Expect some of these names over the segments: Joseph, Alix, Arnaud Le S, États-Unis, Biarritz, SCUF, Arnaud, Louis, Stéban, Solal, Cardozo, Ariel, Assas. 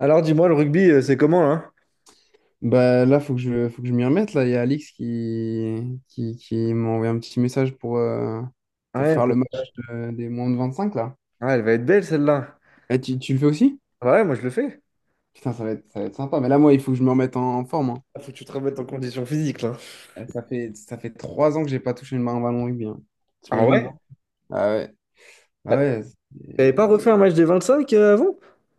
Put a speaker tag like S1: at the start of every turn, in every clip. S1: Alors dis-moi, le rugby, c'est comment là?
S2: Bah là, faut que je m'y remette. Là, il y a Alix qui m'a envoyé un petit message
S1: Ah
S2: pour
S1: ouais,
S2: faire le match des moins de 25 là.
S1: ah, elle va être belle celle-là.
S2: Eh, tu le fais aussi?
S1: Ah ouais, moi je le fais.
S2: Putain, ça va être sympa. Mais là, moi, il faut que je me remette en forme, hein.
S1: Ah, faut que tu te remettes en condition physique là.
S2: Eh, ça fait, ça fait 3 ans que j'ai pas touché une main en ballon rugby, hein.
S1: Ah ouais?
S2: T'imagines? Ah ouais. Ah
S1: Ah,
S2: ouais.
S1: t'avais pas
S2: c'est-
S1: refait un match des 25 avant?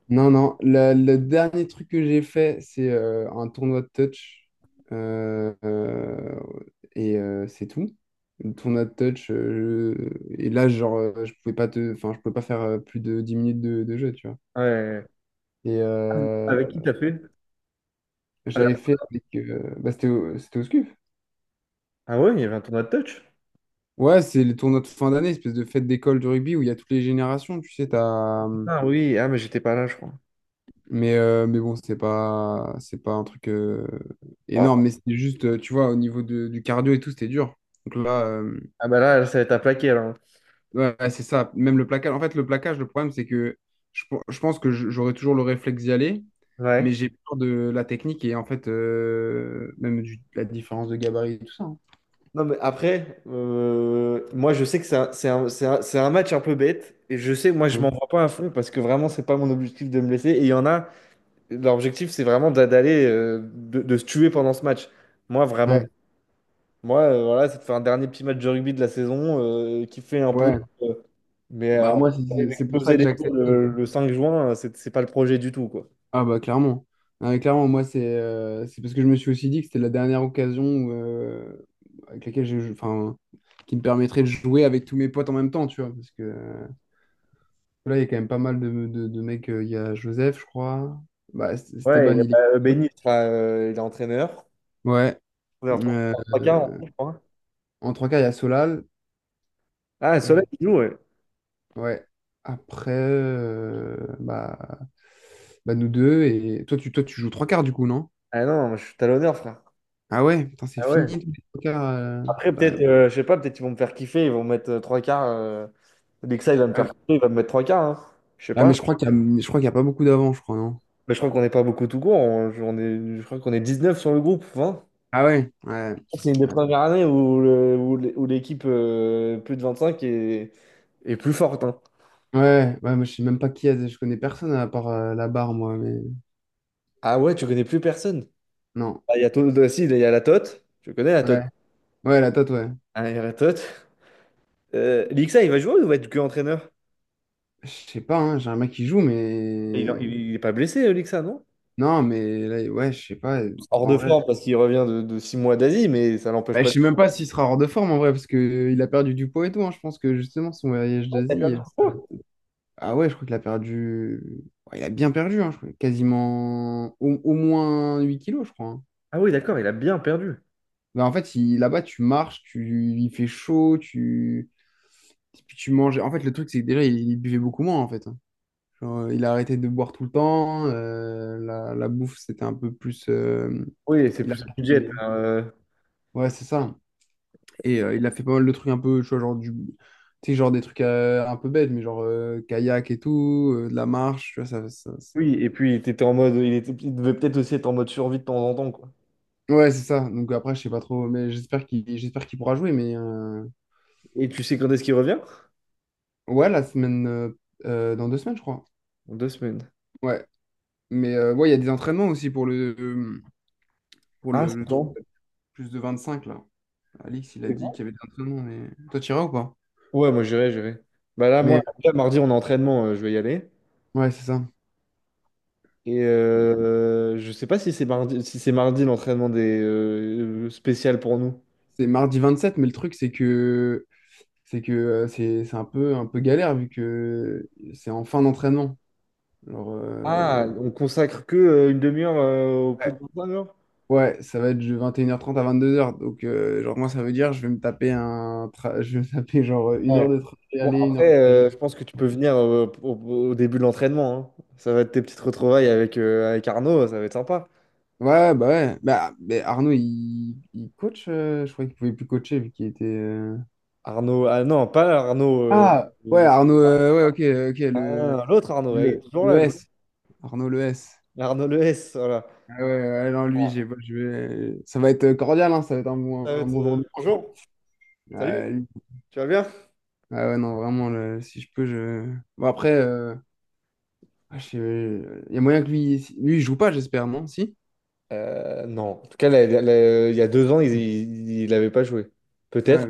S2: Non, non, le dernier truc que j'ai fait, c'est un tournoi de touch. Euh, euh, et c'est tout. Le tournoi de touch. Et là, genre, je pouvais pas te... enfin, je pouvais pas faire plus de 10 minutes de jeu, tu vois.
S1: Ouais.
S2: Et
S1: Avec qui t'as fait? À la-
S2: j'avais fait avec. Bah, c'était au SCUF.
S1: Ah ouais, il y avait un tournoi de touch?
S2: Ouais, c'est les tournois de fin d'année, espèce de fête d'école du rugby où il y a toutes les générations. Tu sais, t'as.
S1: Ah oui, ah mais j'étais pas là, je crois.
S2: Mais bon, c'est pas un truc
S1: Oh.
S2: énorme, mais c'était juste, tu vois, du cardio et tout, c'était dur. Donc là,
S1: Ah bah là, ça va être à plaquer alors.
S2: ouais, ouais, c'est ça. Même le plaquage. En fait, le plaquage, le problème, c'est que je pense que j'aurais toujours le réflexe d'y aller, mais
S1: Ouais.
S2: j'ai peur de la technique et en fait, même la différence de gabarit et tout ça, hein.
S1: Non mais après, moi je sais que c'est un match un peu bête et je sais que moi je m'en
S2: Ouais.
S1: vois pas à fond parce que vraiment c'est pas mon objectif de me blesser et il y en a. L'objectif, c'est vraiment d'aller, de se tuer pendant ce match. Moi, vraiment,
S2: Ouais.
S1: moi, voilà, c'est de faire un dernier petit match de rugby de la saison, kiffer un peu.
S2: Ouais.
S1: euh, mais
S2: Bah, moi,
S1: aller
S2: c'est pour ça
S1: m'exploser
S2: que
S1: les tours
S2: j'accepte.
S1: le 5 juin, c'est pas le projet du tout, quoi.
S2: Ah bah clairement. Ah, mais clairement, moi c'est parce que je me suis aussi dit que c'était la dernière occasion où, avec laquelle enfin, qui me permettrait de jouer avec tous mes potes en même temps, tu vois. Parce que là, il y a quand même pas mal de mecs. Il y a Joseph, je crois. Bah,
S1: Ouais,
S2: Stéban,
S1: et,
S2: il est coach.
S1: Benny, il sera, il est entraîneur.
S2: Ouais.
S1: On est en- En
S2: Euh,
S1: 3 en tout, je crois.
S2: En trois quarts, il y a Solal.
S1: Ah, Soleil,
S2: Euh,
S1: il joue, ouais.
S2: ouais. Après, bah, bah, nous deux. Et toi, toi, tu joues trois quarts du coup, non?
S1: Ah non, je suis talonneur, frère.
S2: Ah ouais, putain, c'est
S1: Ah ouais.
S2: fini les trois quarts.
S1: Après,
S2: Bah,
S1: peut-être, je sais pas, peut-être ils vont me faire kiffer, ils vont me mettre 3 quarts. Lexa, il va me faire kiffer, il va me mettre 3 quarts, hein. Je sais
S2: ah, mais
S1: pas.
S2: je crois qu'il y a, je crois qu'il y a pas beaucoup d'avant, je crois, non?
S1: Mais je crois qu'on n'est pas beaucoup tout court. On est, je crois qu'on est 19 sur le groupe, 20.
S2: Ah ouais, ouais.
S1: C'est une des
S2: Ouais,
S1: premières années où l'équipe plus de 25 est plus forte, hein.
S2: ouais, ouais, moi je sais même pas qui est, je connais personne à part la barre, moi, mais
S1: Ah ouais, tu connais plus personne.
S2: non.
S1: Ah, Il y a, To- ah, si, il y a la Tote. Je connais la Tote.
S2: Ouais, ouais, la tête, ouais.
S1: Ah, il y a la Tote. Lixa, il va jouer ou va être que entraîneur?
S2: Je sais pas, hein, j'ai un mec qui joue,
S1: Il,
S2: mais.
S1: il est pas blessé, Lixa, non?
S2: Non, mais là, ouais, je sais pas,
S1: Hors
S2: en
S1: de
S2: vrai.
S1: forme parce qu'il revient de 6 mois d'Asie, mais ça l'empêche
S2: Bah,
S1: pas
S2: je
S1: de...
S2: sais même pas s'il sera hors de forme, en vrai, parce que il a perdu du poids et tout, hein. Je pense que justement, son voyage
S1: Il a
S2: d'Asie.
S1: perdu.
S2: Ah ouais, je crois qu'il a perdu. Ouais, il a bien perdu, hein, je crois, quasiment au, au moins 8 kilos, je crois, hein.
S1: Ah oui, d'accord, il a bien perdu.
S2: Ben, en fait, là-bas, tu marches, tu, il fait chaud, tu, puis tu manges. En fait, le truc, c'est que déjà, il buvait beaucoup moins, en fait, hein. Genre, il a arrêté de boire tout le temps. La, la bouffe, c'était un peu plus.
S1: Oui, c'est
S2: Il a
S1: plus un budget.
S2: arrêté- Ouais, c'est ça. Et il a fait pas mal de trucs un peu, tu vois, genre du. Tu sais, genre des trucs un peu bêtes, mais genre kayak et tout, de la marche, tu vois,
S1: Oui, et puis il était en mode, il était, il devait peut-être aussi être en mode survie de temps en temps, quoi.
S2: ouais, c'est ça. Donc après, je sais pas trop, mais j'espère qu'il pourra jouer. Mais
S1: Et tu sais quand est-ce qu'il revient?
S2: ouais, la semaine. Dans 2 semaines, je crois.
S1: Dans 2 semaines.
S2: Ouais. Mais ouais, il y a des entraînements aussi pour le,
S1: Ah, c'est
S2: le truc
S1: quand?
S2: plus de 25 là. Alix, il a
S1: C'est
S2: dit
S1: quand
S2: qu'il y avait des entraînements, mais toi, tu iras ou pas?
S1: ouais, moi j'irai, j'irai. Bah là, moi,
S2: Mais
S1: là, mardi, on a entraînement, je vais y aller.
S2: ouais, c'est ça.
S1: Et je sais pas si c'est mardi, si c'est mardi l'entraînement des spécial pour nous.
S2: C'est mardi 27, mais le truc, c'est que c'est un peu galère vu que c'est en fin d'entraînement. Genre,
S1: Ah, on consacre que une demi-heure au plus
S2: ouais,
S1: de 25 heures?
S2: ouais, ça va être de 21h30 à 22h. Donc, genre, moi, ça veut dire je vais me taper un je vais me taper genre une heure
S1: Ouais.
S2: de trajet
S1: Bon,
S2: aller, une heure
S1: après,
S2: de trajet.
S1: je pense que tu peux venir au, au début de l'entraînement, hein. Ça va être tes petites retrouvailles avec, avec Arnaud, ça va être sympa.
S2: Ouais. Bah, mais Arnaud, il coach, je croyais qu'il pouvait plus coacher vu qu'il était.
S1: Arnaud, ah non, pas Arnaud.
S2: Ah, ouais,
S1: Euh,
S2: Arnaud, ouais, ok, ok,
S1: ah, l'autre Arnaud, il est toujours
S2: le
S1: là, lui.
S2: S. Arnaud, le S.
S1: Arnaud Le S, voilà.
S2: Ah ouais, ouais, non, lui, j'ai,
S1: Ah,
S2: pas- je vais, ça va être cordial, hein, ça va être
S1: ça va
S2: un
S1: être,
S2: bon jour de cours.
S1: bonjour, salut,
S2: Ouais, lui-
S1: tu vas bien?
S2: ah ouais, non, vraiment, si je peux, je. Bon, après, ah, je sais- il y a moyen que lui, si, lui, il joue pas, j'espère, non? Si?
S1: Non, en tout cas, il y a 2 ans, il n'avait pas joué.
S2: Ouais,
S1: Peut-être.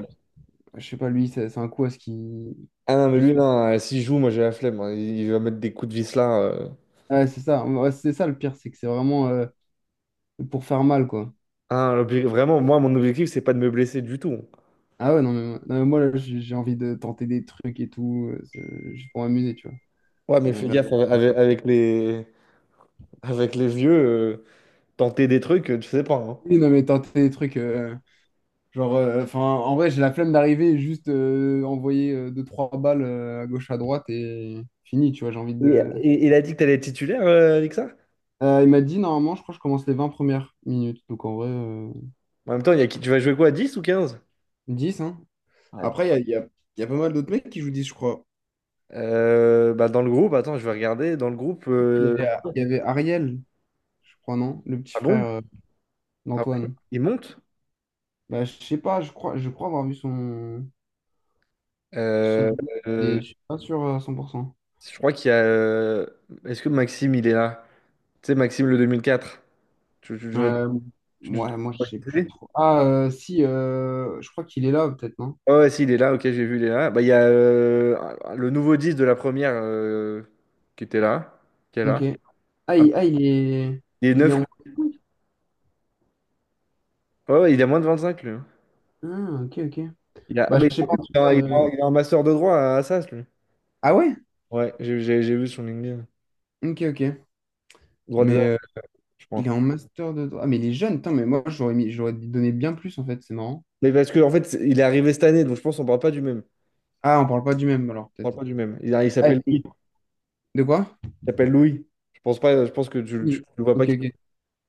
S2: je sais pas, lui, c'est un coup à ce qu'il.
S1: Ah non, mais lui,
S2: juste-
S1: non, s'il joue, moi j'ai la flemme, hein. Il va mettre des coups de vis là, euh.
S2: Ouais, c'est ça. Ouais, c'est ça le pire, c'est que c'est vraiment pour faire mal, quoi.
S1: Ah, vraiment, moi, mon objectif, c'est pas de me blesser du tout.
S2: Ah ouais, non, mais, non, mais moi, là, j'ai envie de tenter des trucs et tout, juste pour m'amuser, tu vois.
S1: Ouais, mais
S2: On
S1: fais
S2: verra.
S1: gaffe avec, avec les vieux, tenter des trucs, tu sais pas, hein.
S2: Oui, non, mais tenter des trucs, genre, enfin, en vrai, j'ai la flemme d'arriver et juste envoyer deux, trois balles à gauche, à droite et fini, tu vois, j'ai envie
S1: Et-
S2: de...
S1: et- il a dit que t'allais être titulaire, avec.
S2: Il m'a dit, normalement, je crois que je commence les 20 premières minutes, donc en vrai,
S1: En même temps, il y a qui- tu vas jouer quoi, dix ou quinze?
S2: 10, hein.
S1: Ouais.
S2: Après, il y a pas mal d'autres mecs qui jouent 10, je crois.
S1: Bah dans le groupe, attends, je vais regarder. Dans le groupe,
S2: Il y avait, il y avait Ariel, je crois, non? Le petit
S1: ah
S2: frère
S1: bon? Ah ouais,
S2: d'Antoine.
S1: il monte?
S2: Bah, je sais pas, je crois avoir vu son... Son...
S1: Euh,
S2: mais
S1: euh,
S2: je suis pas sûr à 100%.
S1: je crois qu'il y a, est-ce que Maxime, il est là? Tu sais, Maxime le 2004. Tu, tu-
S2: Euh,
S1: tu- tu-
S2: ouais, moi, je sais plus
S1: tu-
S2: trop. Ah, si, je crois qu'il est là, peut-être, non?
S1: Ah ouais, si, il est là, ok, j'ai vu, il est là. Bah, il y a le nouveau 10 de la première qui était là. Qui est
S2: Ok.
S1: là. Ah,
S2: Ah, il est...
S1: il est
S2: Il est
S1: 9.
S2: en...
S1: Ouais, ouais, il a moins de 25, lui, hein.
S2: Ah, ok, ok.
S1: Il a, ah,
S2: Bah,
S1: bah, il,
S2: je sais
S1: en
S2: pas, en
S1: plus,
S2: tout
S1: il
S2: cas...
S1: a, il a- il a un master de droit à Assas, lui.
S2: ah ouais?
S1: Ouais, j'ai vu son LinkedIn.
S2: Ok, ok.
S1: Droit des
S2: Mais
S1: ouais, arts, je
S2: il
S1: crois.
S2: est en master de droit. Ah, mais il est jeune, putain, mais moi, j'aurais mis... j'aurais donné bien plus, en fait, c'est marrant.
S1: Mais parce que en fait, il est arrivé cette année, donc je pense qu'on parle pas du même.
S2: Ah, on parle pas du même, alors,
S1: On parle
S2: peut-être.
S1: pas du même. Il
S2: Ah,
S1: s'appelle Louis.
S2: et- de quoi?
S1: Il s'appelle Louis. Je pense pas, je pense que tu
S2: Oui.
S1: le vois pas.
S2: Ok, ok.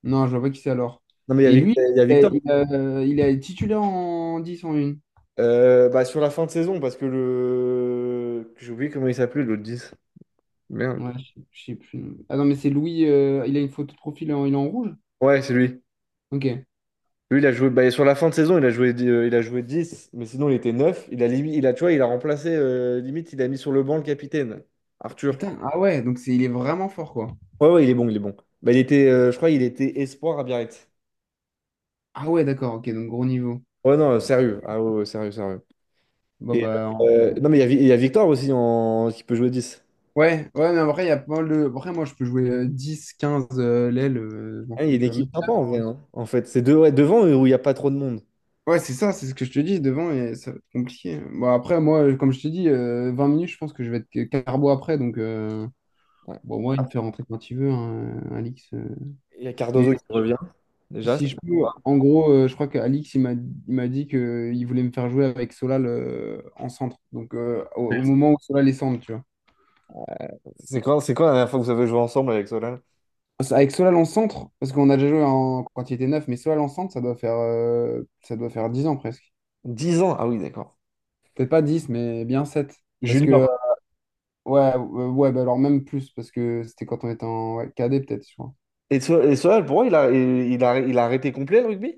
S2: Non, je vois pas qui c'est alors.
S1: Non, mais il y a,
S2: Et lui,
S1: Il y a Victor.
S2: il est titulaire en 10 en 1.
S1: Bah, sur la fin de saison, parce que le, j'ai oublié comment il s'appelait, l'autre 10. Merde.
S2: Ouais, je sais plus. Ah non, mais c'est Louis, il a une photo de profil, il est en rouge?
S1: Ouais, c'est lui.
S2: Ok.
S1: Lui, il a joué. Bah, sur la fin de saison, il a joué, il a joué dix, mais sinon, il était 9. Il a, il a, tu vois, il a remplacé, limite, il a mis sur le banc le capitaine, Arthur.
S2: Putain, ah ouais, donc c'est, il est vraiment fort, quoi.
S1: Ouais, ouais, il est bon, il est bon. Bah, il était, je crois, il était espoir à Biarritz.
S2: Ah ouais, d'accord, ok, donc gros niveau.
S1: Ouais, non, sérieux. Ah ouais, ouais, sérieux, sérieux.
S2: Bah,
S1: Et,
S2: bah, en-
S1: non, mais il y a, il y a Victor aussi en... qui peut jouer dix.
S2: ouais, ouais, mais après, il y a pas mal de... Après, moi, je peux jouer 10, 15 l'aile, je m'en
S1: Hein, il y
S2: fous,
S1: a une
S2: tu vois.
S1: équipe
S2: Même
S1: sympa
S2: neuf,
S1: en
S2: en
S1: vrai,
S2: vrai.
S1: hein, en fait. Ouais, devant où il n'y a pas trop de monde.
S2: Ouais, c'est ça, c'est ce que je te dis, devant, et ça va être compliqué. Bon, après, moi, comme je te dis, 20 minutes, je pense que je vais être que carbo après, donc...
S1: Ouais.
S2: bon, moi, il me fait rentrer quand il veut, hein, Alix.
S1: Il y a
S2: Mais
S1: Cardozo qui revient, déjà.
S2: si
S1: Ça
S2: je peux, en gros, je crois qu'Alix, il m'a dit qu'il voulait me faire jouer avec Solal en centre. Donc, au, au moment où Solal est centre, tu vois.
S1: c'est quoi, c'est quoi la dernière fois que vous avez joué ensemble avec Solal?
S2: Avec Solal en centre, parce qu'on a déjà joué en, quand il était neuf, mais Solal en centre, ça doit faire 10 ans presque.
S1: 10 ans. Ah oui, d'accord.
S2: Peut-être pas 10, mais bien 7. Parce que,
S1: Junior.
S2: ouais, ouais bah alors même plus, parce que c'était quand on était en ouais, cadet, peut-être, je crois.
S1: Et, et Solal, pour moi, il a arrêté complet le rugby?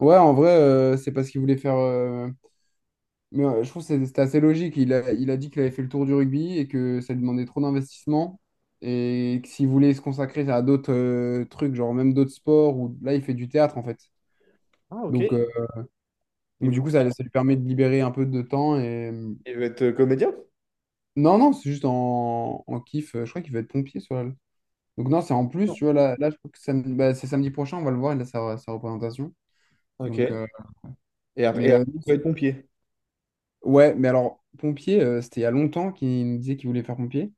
S2: Ouais, en vrai, c'est parce qu'il voulait faire. Mais je trouve que c'était assez logique. Il a dit qu'il avait fait le tour du rugby et que ça lui demandait trop d'investissement et que s'il voulait se consacrer à d'autres trucs, genre même d'autres sports, ou là il fait du théâtre en fait.
S1: Ah, ok.
S2: Donc, euh,
S1: Il
S2: donc
S1: veut,
S2: du coup, ça lui permet de libérer un peu de temps. Et...
S1: il veut être comédien?
S2: non, non, c'est juste en, en kiff. Je crois qu'il va être pompier sur la... Donc non, c'est en plus,
S1: Non.
S2: tu vois, là je crois que bah, c'est samedi prochain, on va le voir, il a sa, sa représentation.
S1: Ok.
S2: Donc, mais
S1: Et après, il veut être pompier.
S2: ouais, mais alors, pompier, c'était il y a longtemps qu'il nous disait qu'il voulait faire pompier.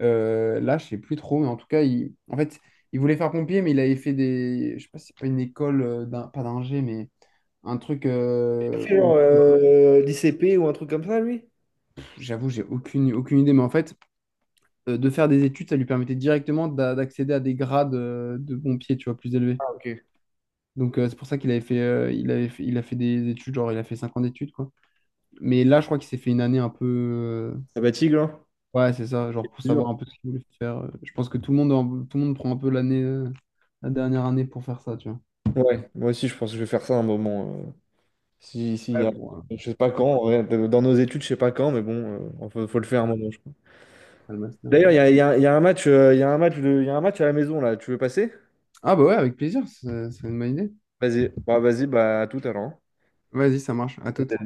S2: Là, je sais plus trop, mais en tout cas, il... en fait, il voulait faire pompier, mais il avait fait des. Je sais pas si c'est pas une école, pas d'ingé, mais un truc
S1: Il a fait
S2: où
S1: genre
S2: tu dois-
S1: l'I C P ou un truc comme ça, lui?
S2: pff, j'avoue, j'ai aucune, aucune idée, mais en fait, de faire des études, ça lui permettait directement d'accéder à des grades de pompier, tu vois, plus élevés.
S1: Ah, ok.
S2: Donc, c'est pour ça qu'il avait fait, il a fait des études, genre, il a fait 5 ans d'études, quoi. Mais là, je crois qu'il s'est fait une année un peu.
S1: Ça va, Tigre, hein?
S2: Ouais, c'est ça, genre pour savoir un peu ce qu'il voulait faire. Je pense que tout le monde, tout le monde prend un peu l'année, la dernière année pour faire ça, tu vois.
S1: Ouais, moi aussi je pense que je vais faire ça un moment. Euh, si, si,
S2: Ouais, pour,
S1: je sais pas quand, ouais, dans nos études, je sais pas quand, mais bon, enfin, faut, faut le faire un moment, je crois.
S2: après le master.
S1: D'ailleurs, il
S2: Ouais.
S1: y a, il y a un match, il y a un match, il y a un match à la maison là, tu veux passer?
S2: Ah bah ouais, avec plaisir, c'est une bonne idée.
S1: Vas-y, bah à tout à l'heure, hein.
S2: Vas-y, ça marche, à toute.